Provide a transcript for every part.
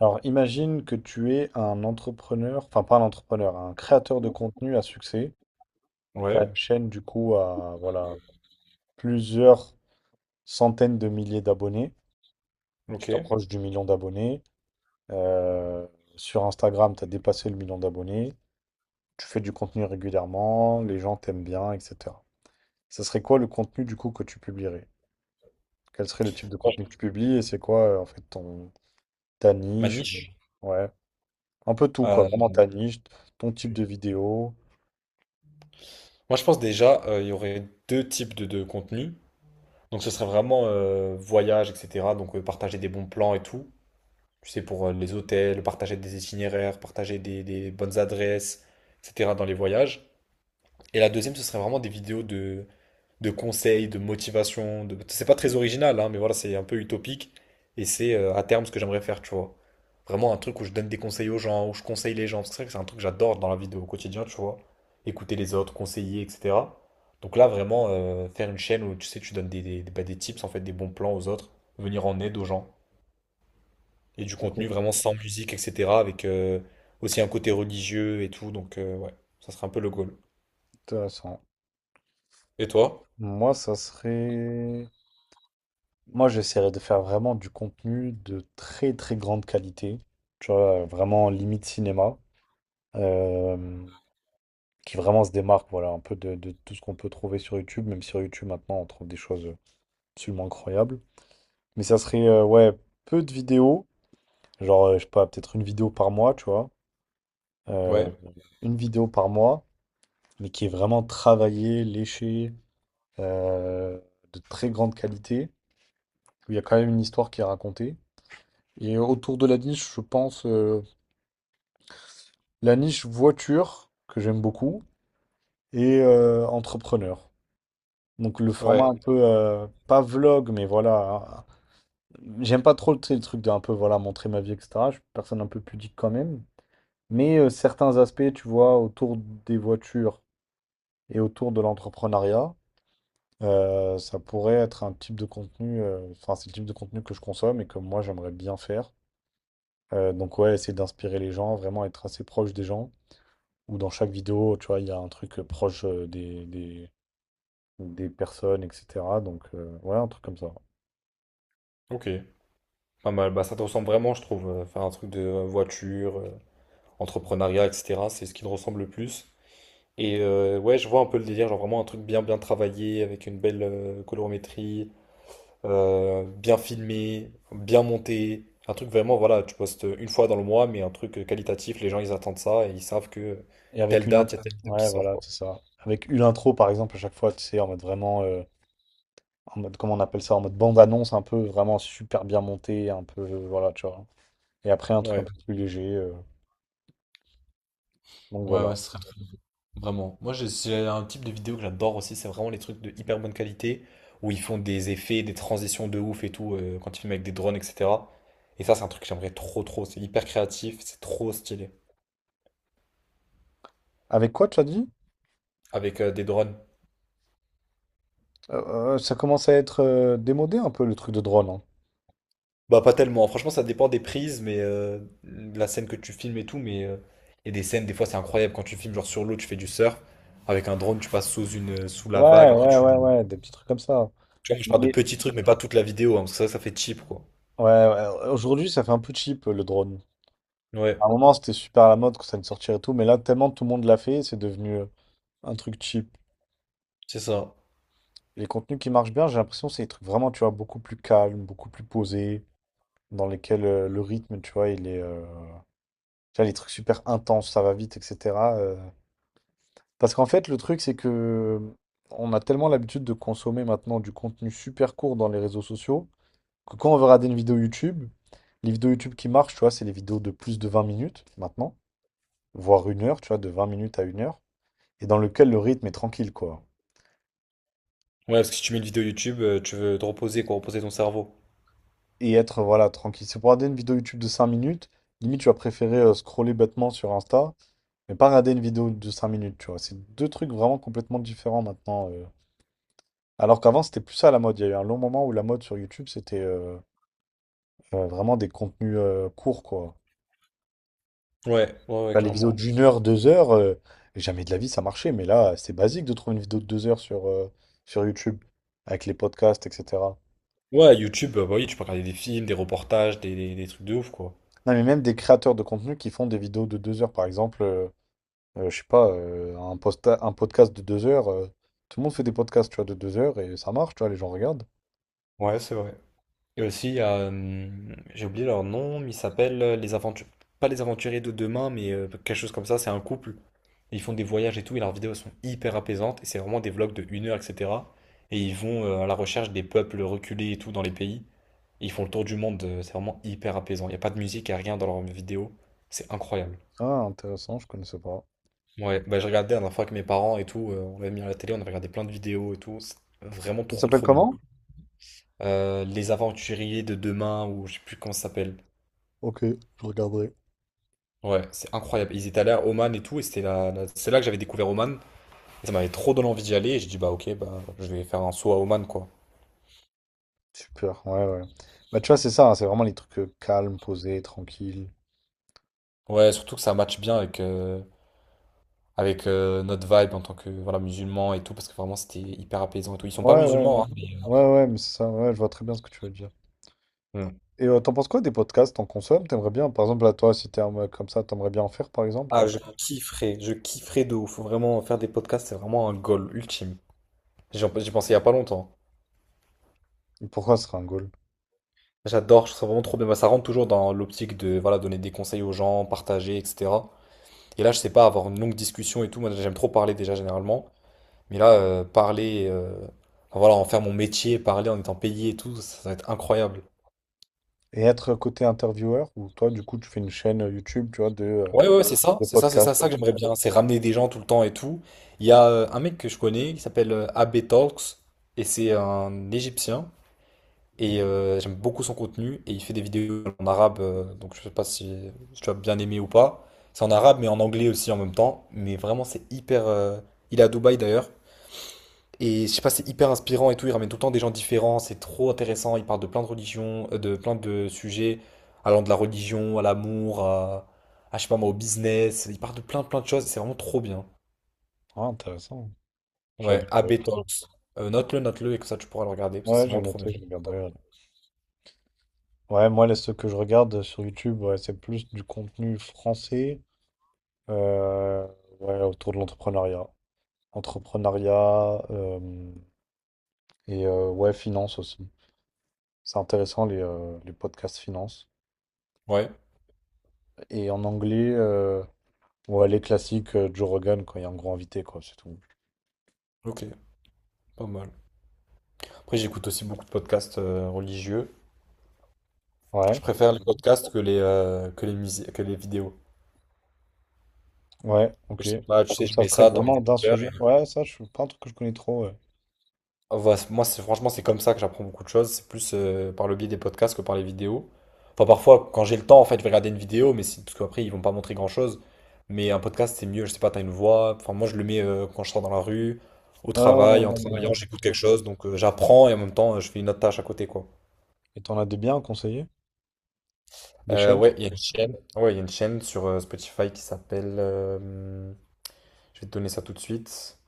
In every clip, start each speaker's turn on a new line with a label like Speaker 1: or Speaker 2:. Speaker 1: Alors, imagine que tu es un entrepreneur, enfin pas un entrepreneur, un créateur de contenu à succès. Tu as
Speaker 2: Ouais,
Speaker 1: une chaîne du coup à voilà, plusieurs centaines de milliers d'abonnés. Tu
Speaker 2: ok.
Speaker 1: t'approches du million d'abonnés. Euh, Sur Instagram, tu as dépassé le million d'abonnés. Tu fais du contenu régulièrement, les gens t'aiment bien, etc. Ce serait quoi le contenu du coup que tu publierais? Quel serait le type de
Speaker 2: Moi,
Speaker 1: contenu que tu
Speaker 2: je-
Speaker 1: publies et c'est quoi en fait ton ta
Speaker 2: Ma
Speaker 1: niche?
Speaker 2: niche.
Speaker 1: Ouais, un peu tout quoi,
Speaker 2: euh,
Speaker 1: vraiment ta niche, ton type de vidéo.
Speaker 2: moi, je pense déjà, il y aurait deux types de contenus. Donc, ce serait vraiment voyage, etc. Donc, partager des bons plans et tout. Tu sais, pour les hôtels, partager des itinéraires, partager des bonnes adresses, etc. dans les voyages. Et la deuxième, ce serait vraiment des vidéos de conseils, de motivation. C'est pas très original, hein, mais voilà, c'est un peu utopique. Et c'est à terme ce que j'aimerais faire, tu vois. Vraiment un truc où je donne des conseils aux gens, où je conseille les gens. Parce que c'est vrai que c'est un truc que j'adore dans la vie au quotidien, tu vois. Écouter les autres, conseiller, etc. Donc là, vraiment, faire une chaîne où tu sais, tu donnes bah, des tips, en fait, des bons plans aux autres, venir en aide aux gens. Et du contenu
Speaker 1: Ok.
Speaker 2: vraiment sans musique, etc. Avec aussi un côté religieux et tout. Donc ouais, ça serait un peu le goal.
Speaker 1: Intéressant.
Speaker 2: Et toi?
Speaker 1: Moi, ça serait. Moi, j'essaierais de faire vraiment du contenu de très très grande qualité, tu vois, vraiment limite cinéma, euh, qui vraiment se démarque, voilà, un peu de tout ce qu'on peut trouver sur YouTube, même sur YouTube maintenant, on trouve des choses absolument incroyables. Mais ça serait, ouais, peu de vidéos, genre, je sais pas, peut-être une vidéo par mois, tu vois, euh,
Speaker 2: Ouais,
Speaker 1: une vidéo par mois, mais qui est vraiment travaillée, léchée, euh, de très grande qualité. Il y a quand même une histoire qui est racontée. Et autour de la niche, je pense la niche voiture, que j'aime beaucoup, et entrepreneur. Donc le
Speaker 2: ouais,
Speaker 1: format un peu, pas vlog, mais voilà, hein. J'aime pas trop, tu sais, le truc d'un peu, voilà, montrer ma vie, etc. Je suis une personne un peu pudique quand même. Mais certains aspects, tu vois, autour des voitures et autour de l'entrepreneuriat, ça pourrait être un type de contenu, enfin, c'est le type de contenu que je consomme et que moi, j'aimerais bien faire. Donc ouais, essayer d'inspirer les gens, vraiment être assez proche des gens. Ou dans chaque vidéo, tu vois, il y a un truc proche des personnes, etc. Donc ouais, un truc comme ça.
Speaker 2: ok. Pas mal. Bah, ça te ressemble vraiment, je trouve. Faire un truc de voiture, entrepreneuriat, etc. C'est ce qui te ressemble le plus. Et ouais, je vois un peu le délire, genre vraiment un truc bien bien travaillé, avec une belle colorimétrie, bien filmé, bien monté. Un truc vraiment, voilà, tu postes une fois dans le mois, mais un truc qualitatif, les gens ils attendent ça et ils savent que
Speaker 1: Et avec
Speaker 2: telle
Speaker 1: une
Speaker 2: date, il
Speaker 1: intro.
Speaker 2: y a ouais, telle vidéo qui
Speaker 1: Ouais,
Speaker 2: sort,
Speaker 1: voilà,
Speaker 2: quoi.
Speaker 1: c'est ça. Avec une intro, par exemple, à chaque fois, tu sais, en mode vraiment, en mode, comment on appelle ça, en mode bande-annonce, un peu vraiment super bien monté un peu, voilà, tu vois. Et après, un truc un
Speaker 2: Ouais,
Speaker 1: peu plus léger. Donc
Speaker 2: ouais, ouais,
Speaker 1: voilà.
Speaker 2: ce serait vraiment. C'est un type de vidéo que j'adore aussi. C'est vraiment les trucs de hyper bonne qualité où ils font des effets, des transitions de ouf et tout quand ils filment avec des drones, etc. Et ça, c'est un truc que j'aimerais trop, trop. C'est hyper créatif, c'est trop stylé
Speaker 1: Avec quoi, tu as dit?
Speaker 2: avec des drones.
Speaker 1: Ça commence à être démodé un peu le truc de drone, hein.
Speaker 2: Bah, pas tellement. Franchement, ça dépend des prises, mais la scène que tu filmes et tout. Mais il y a des scènes, des fois, c'est incroyable quand tu filmes genre sur l'eau, tu fais du surf avec un drone, tu passes sous la
Speaker 1: Ouais,
Speaker 2: vague.
Speaker 1: ah,
Speaker 2: Après,
Speaker 1: ouais,
Speaker 2: tu.
Speaker 1: ouais, ouais, des petits trucs comme ça.
Speaker 2: Je parle de
Speaker 1: mais-
Speaker 2: petits trucs, mais pas toute la vidéo, hein, parce que ça fait cheap, quoi.
Speaker 1: Ouais, ouais, aujourd'hui ça fait un peu cheap le drone.
Speaker 2: Ouais,
Speaker 1: À un moment c'était super à la mode quand ça allait sortir et tout, mais là tellement tout le monde l'a fait, c'est devenu un truc cheap.
Speaker 2: c'est ça.
Speaker 1: Les contenus qui marchent bien, j'ai l'impression c'est des trucs vraiment, tu vois, beaucoup plus calmes, beaucoup plus posés, dans lesquels le rythme, tu vois, il est. Tu vois, les trucs super intenses, ça va vite, etc. Parce qu'en fait, le truc, c'est que on a tellement l'habitude de consommer maintenant du contenu super court dans les réseaux sociaux que quand on veut regarder une vidéo YouTube, les vidéos YouTube qui marchent, tu vois, c'est les vidéos de plus de 20 minutes maintenant, voire une heure, tu vois, de 20 minutes à une heure, et dans lequel le rythme est tranquille, quoi.
Speaker 2: Ouais, parce que si tu mets une vidéo YouTube, tu veux te reposer, quoi, reposer ton cerveau.
Speaker 1: Et être, voilà, tranquille. C'est pour regarder une vidéo YouTube de 5 minutes, limite, tu vas préférer scroller bêtement sur Insta, mais pas regarder une vidéo de 5 minutes, tu vois. C'est deux trucs vraiment complètement différents maintenant. Alors qu'avant, c'était plus ça la mode. Il y a eu un long moment où la mode sur YouTube, c'était. Vraiment des contenus courts, quoi.
Speaker 2: Ouais, ouais, ouais,
Speaker 1: Bah, les vidéos
Speaker 2: clairement.
Speaker 1: d'une heure, 2 heures, jamais de la vie ça marchait, mais là, c'est basique de trouver une vidéo de 2 heures sur YouTube, avec les podcasts, etc.
Speaker 2: Ouais, YouTube, bah oui, tu peux regarder des films, des reportages, des trucs de ouf, quoi.
Speaker 1: Non, mais même des créateurs de contenu qui font des vidéos de 2 heures, par exemple. Je sais pas, un podcast de 2 heures, tout le monde fait des podcasts, tu vois, de 2 heures et ça marche, tu vois, les gens regardent.
Speaker 2: Ouais, c'est vrai. Et aussi, j'ai oublié leur nom, mais ils s'appellent les aventures, pas les aventuriers de demain, mais quelque chose comme ça, c'est un couple. Ils font des voyages et tout, et leurs vidéos sont hyper apaisantes, et c'est vraiment des vlogs de 1 heure, etc. Et ils vont à la recherche des peuples reculés et tout dans les pays. Et ils font le tour du monde, c'est vraiment hyper apaisant. Il n'y a pas de musique, il n'y a rien dans leurs vidéos. C'est incroyable.
Speaker 1: Ah, intéressant, je connaissais pas.
Speaker 2: Ouais, bah j'ai regardé la dernière fois avec mes parents et tout, on l'avait mis à la télé, on avait regardé plein de vidéos et tout, c'est vraiment
Speaker 1: Ça
Speaker 2: trop
Speaker 1: s'appelle
Speaker 2: trop bien.
Speaker 1: comment?
Speaker 2: Les Aventuriers de demain, ou je sais plus comment ça s'appelle.
Speaker 1: Ok, je regarderai.
Speaker 2: Ouais, c'est incroyable. Ils étaient allés à Oman et tout, et c'était c'est là que j'avais découvert Oman, et ça m'avait trop donné envie d'y aller, et j'ai dit bah ok, bah je vais faire un saut à Oman quoi.
Speaker 1: Super, ouais, ouais. Bah, tu vois, c'est ça, hein, c'est vraiment les trucs calmes, posés, tranquilles.
Speaker 2: Ouais, surtout que ça match bien avec notre vibe en tant que voilà, musulman et tout, parce que vraiment c'était hyper apaisant et tout. Ils sont pas
Speaker 1: Ouais, ouais, ouais.
Speaker 2: musulmans, hein. mais-
Speaker 1: Ouais, ouais, mais c'est ça, ouais, je vois très bien ce que tu veux dire.
Speaker 2: Mm.
Speaker 1: Et t'en penses quoi des podcasts? T'en consommes? T'aimerais bien, par exemple, là, toi, si t'es un mec comme ça, t'aimerais bien en faire, par exemple?
Speaker 2: Ah, je kifferais de ouf. Faut vraiment, faire des podcasts, c'est vraiment un goal ultime. J'y pensais il y a pas longtemps.
Speaker 1: Et pourquoi ce serait un goal?
Speaker 2: J'adore, je trouve ça vraiment trop bien. Bah, ça rentre toujours dans l'optique de voilà, donner des conseils aux gens, partager, etc. Et là, je sais pas, avoir une longue discussion et tout. Moi, j'aime trop parler déjà généralement. Mais là, parler, enfin, voilà, en faire mon métier, parler en étant payé et tout, ça va être incroyable.
Speaker 1: Et être côté intervieweur, ou toi, du coup, tu fais une chaîne YouTube, tu vois, de, euh,
Speaker 2: Ouais, ouais, c'est ça,
Speaker 1: de
Speaker 2: c'est ça, c'est ça, ça
Speaker 1: podcasts.
Speaker 2: que j'aimerais bien. C'est ramener des gens tout le temps et tout. Il y a un mec que je connais qui s'appelle AB Talks et c'est un Égyptien. Et j'aime beaucoup son contenu. Et il fait des vidéos en arabe. Donc je sais pas si, tu as bien aimé ou pas. C'est en arabe, mais en anglais aussi en même temps. Mais vraiment, c'est hyper. Il est à Dubaï d'ailleurs. Et je sais pas, c'est hyper inspirant et tout. Il ramène tout le temps des gens différents. C'est trop intéressant. Il parle de plein de religions, de plein de sujets. Allant de la religion à l'amour, je sais pas moi, au business. Il parle de plein, plein de choses. C'est vraiment trop bien.
Speaker 1: Ah, intéressant. Je
Speaker 2: Ouais,
Speaker 1: regarderai.
Speaker 2: AB Talks. Note-le, note-le et que ça tu pourras le regarder parce que
Speaker 1: Ouais,
Speaker 2: c'est
Speaker 1: j'ai
Speaker 2: vraiment trop bien.
Speaker 1: noté, je regarderai. Ouais, ouais, moi, là, ce que je regarde sur YouTube, ouais, c'est plus du contenu français, euh, ouais, autour de l'entrepreneuriat. Entrepreneuriat et ouais, finance aussi. C'est intéressant les podcasts finance.
Speaker 2: Ouais,
Speaker 1: Et en anglais, ouais, les classiques Joe Rogan quand il y a un gros invité, quoi, c'est tout.
Speaker 2: ok, pas mal. Après, j'écoute aussi beaucoup de podcasts religieux. Je
Speaker 1: Ouais,
Speaker 2: préfère les podcasts que que les musiques, que les vidéos.
Speaker 1: ouais, ok.
Speaker 2: Je sais pas, tu sais,
Speaker 1: Donc
Speaker 2: je
Speaker 1: ça se
Speaker 2: mets
Speaker 1: traite
Speaker 2: ça dans mes
Speaker 1: vraiment d'un
Speaker 2: écouteurs.
Speaker 1: sujet. Ouais, ça, je suis pas un truc que je connais trop. Ouais,
Speaker 2: Ah, voilà, moi, c'est franchement, c'est comme ça que j'apprends beaucoup de choses. C'est plus par le biais des podcasts que par les vidéos. Enfin, parfois, quand j'ai le temps, en fait, je vais regarder une vidéo, mais parce qu'après, ils vont pas montrer grand-chose. Mais un podcast, c'est mieux. Je sais pas, t'as une voix. Enfin, moi, je le mets quand je sors dans la rue, au
Speaker 1: ouais, ouais,
Speaker 2: travail,
Speaker 1: ouais,
Speaker 2: en
Speaker 1: ouais,
Speaker 2: travaillant,
Speaker 1: ouais.
Speaker 2: j'écoute quelque chose. Donc, j'apprends et en même temps, je fais une autre tâche à côté, quoi.
Speaker 1: Et t'en as des biens à conseiller? Des
Speaker 2: Ouais,
Speaker 1: chaînes?
Speaker 2: il y a une chaîne. Ouais, il y a une chaîne sur Spotify qui s'appelle. Je vais te donner ça tout de suite.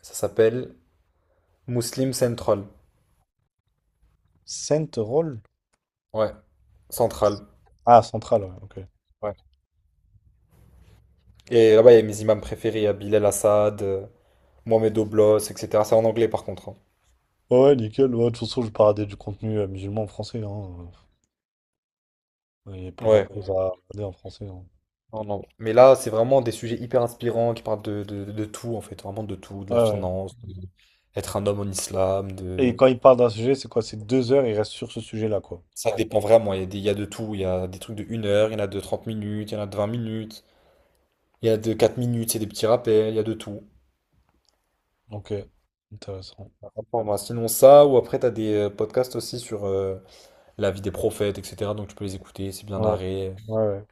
Speaker 2: Ça s'appelle Muslim Central.
Speaker 1: Central?
Speaker 2: Ouais, Central.
Speaker 1: Ah, Central, ouais, ok.
Speaker 2: Ouais. Et là-bas, il y a mes imams préférés. Il y a Bilal Assad, Mohamed Oblos, etc. C'est en anglais par contre, hein.
Speaker 1: Ouais, ouais, nickel. Ouais, de toute façon, je vais pas regarder du contenu musulman en français, hein. Il n'y a pas
Speaker 2: Ouais.
Speaker 1: grand-chose à regarder en français, hein.
Speaker 2: Non, non. Mais là, c'est vraiment des sujets hyper inspirants qui parlent de tout, en fait. Vraiment de tout. De
Speaker 1: Ouais,
Speaker 2: la
Speaker 1: ouais.
Speaker 2: finance, être un homme en islam,
Speaker 1: Et
Speaker 2: de.
Speaker 1: quand il parle d'un sujet, c'est quoi? C'est 2 heures, il reste sur ce sujet-là, quoi.
Speaker 2: Ça dépend vraiment. Il y a il y a de tout. Il y a des trucs de 1 heure, il y en a de 30 minutes, il y en a de 20 minutes. Il y a de 4 minutes, c'est des petits rappels, il y a de tout.
Speaker 1: Ok, intéressant.
Speaker 2: À prendre. Sinon ça, ou après t'as des podcasts aussi sur la vie des prophètes, etc. Donc tu peux les écouter, c'est bien
Speaker 1: Ouais,
Speaker 2: narré.
Speaker 1: ouais, ouais.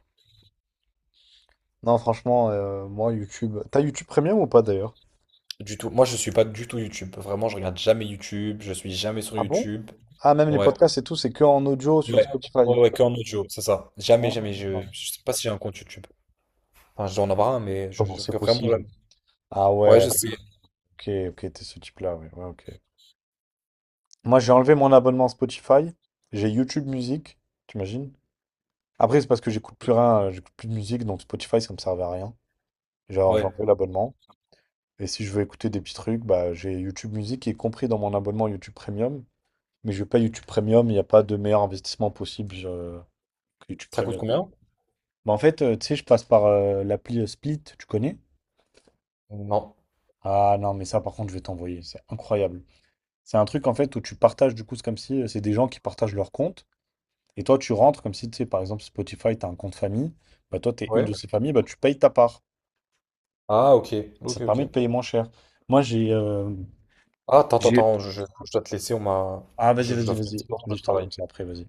Speaker 1: Non, franchement, moi, YouTube. T'as YouTube Premium ou pas d'ailleurs?
Speaker 2: Du tout. Moi je suis pas du tout YouTube. Vraiment, je regarde jamais YouTube, je suis jamais sur
Speaker 1: Ah bon?
Speaker 2: YouTube.
Speaker 1: Ah, même les
Speaker 2: Ouais.
Speaker 1: podcasts et tout, c'est que en audio sur
Speaker 2: Ouais,
Speaker 1: Spotify.
Speaker 2: ouais, ouais, que en audio, c'est ça. Jamais, jamais.
Speaker 1: Ah,
Speaker 2: Je sais pas si j'ai un compte YouTube. Enfin, je dois en avoir un, mais je,
Speaker 1: comment
Speaker 2: je
Speaker 1: c'est
Speaker 2: regarde vraiment
Speaker 1: possible?
Speaker 2: jamais.
Speaker 1: Ah
Speaker 2: Ouais,
Speaker 1: ouais,
Speaker 2: je sais.
Speaker 1: ok, ok, t'es ce type-là, ouais, ouais, ok. Moi, j'ai enlevé mon abonnement Spotify, j'ai YouTube Music, t'imagines? Après, c'est parce que j'écoute plus rien, j'écoute plus de musique, donc Spotify, ça me servait à rien. Genre, j'ai
Speaker 2: Ouais.
Speaker 1: enlevé l'abonnement. Et si je veux écouter des petits trucs, bah, j'ai YouTube Music qui est compris dans mon abonnement YouTube Premium. Mais je veux pas YouTube Premium, il n'y a pas de meilleur investissement possible que YouTube
Speaker 2: Ça coûte
Speaker 1: Premium.
Speaker 2: combien?
Speaker 1: Bah, en fait, tu sais, je passe par l'appli Split, tu connais?
Speaker 2: Non.
Speaker 1: Ah non, mais ça par contre, je vais t'envoyer, c'est incroyable. C'est un truc en fait où tu partages, du coup, c'est comme si c'est des gens qui partagent leur compte. Et toi, tu rentres comme si, tu sais, par exemple, Spotify, tu as un compte famille. Bah, toi, tu es une
Speaker 2: Ouais.
Speaker 1: de ces familles, bah, tu payes ta part.
Speaker 2: Ah ok.
Speaker 1: Ça
Speaker 2: Ok,
Speaker 1: te
Speaker 2: ok.
Speaker 1: permet de payer moins cher. Moi, j'ai.
Speaker 2: Ah, attends, attends, attends, je dois te laisser, on m'a.
Speaker 1: Ah, vas-y,
Speaker 2: Je
Speaker 1: vas-y,
Speaker 2: dois faire un
Speaker 1: vas-y.
Speaker 2: petit peu
Speaker 1: Vas-y, je
Speaker 2: de
Speaker 1: te
Speaker 2: travail.
Speaker 1: raconte ça après, vas-y.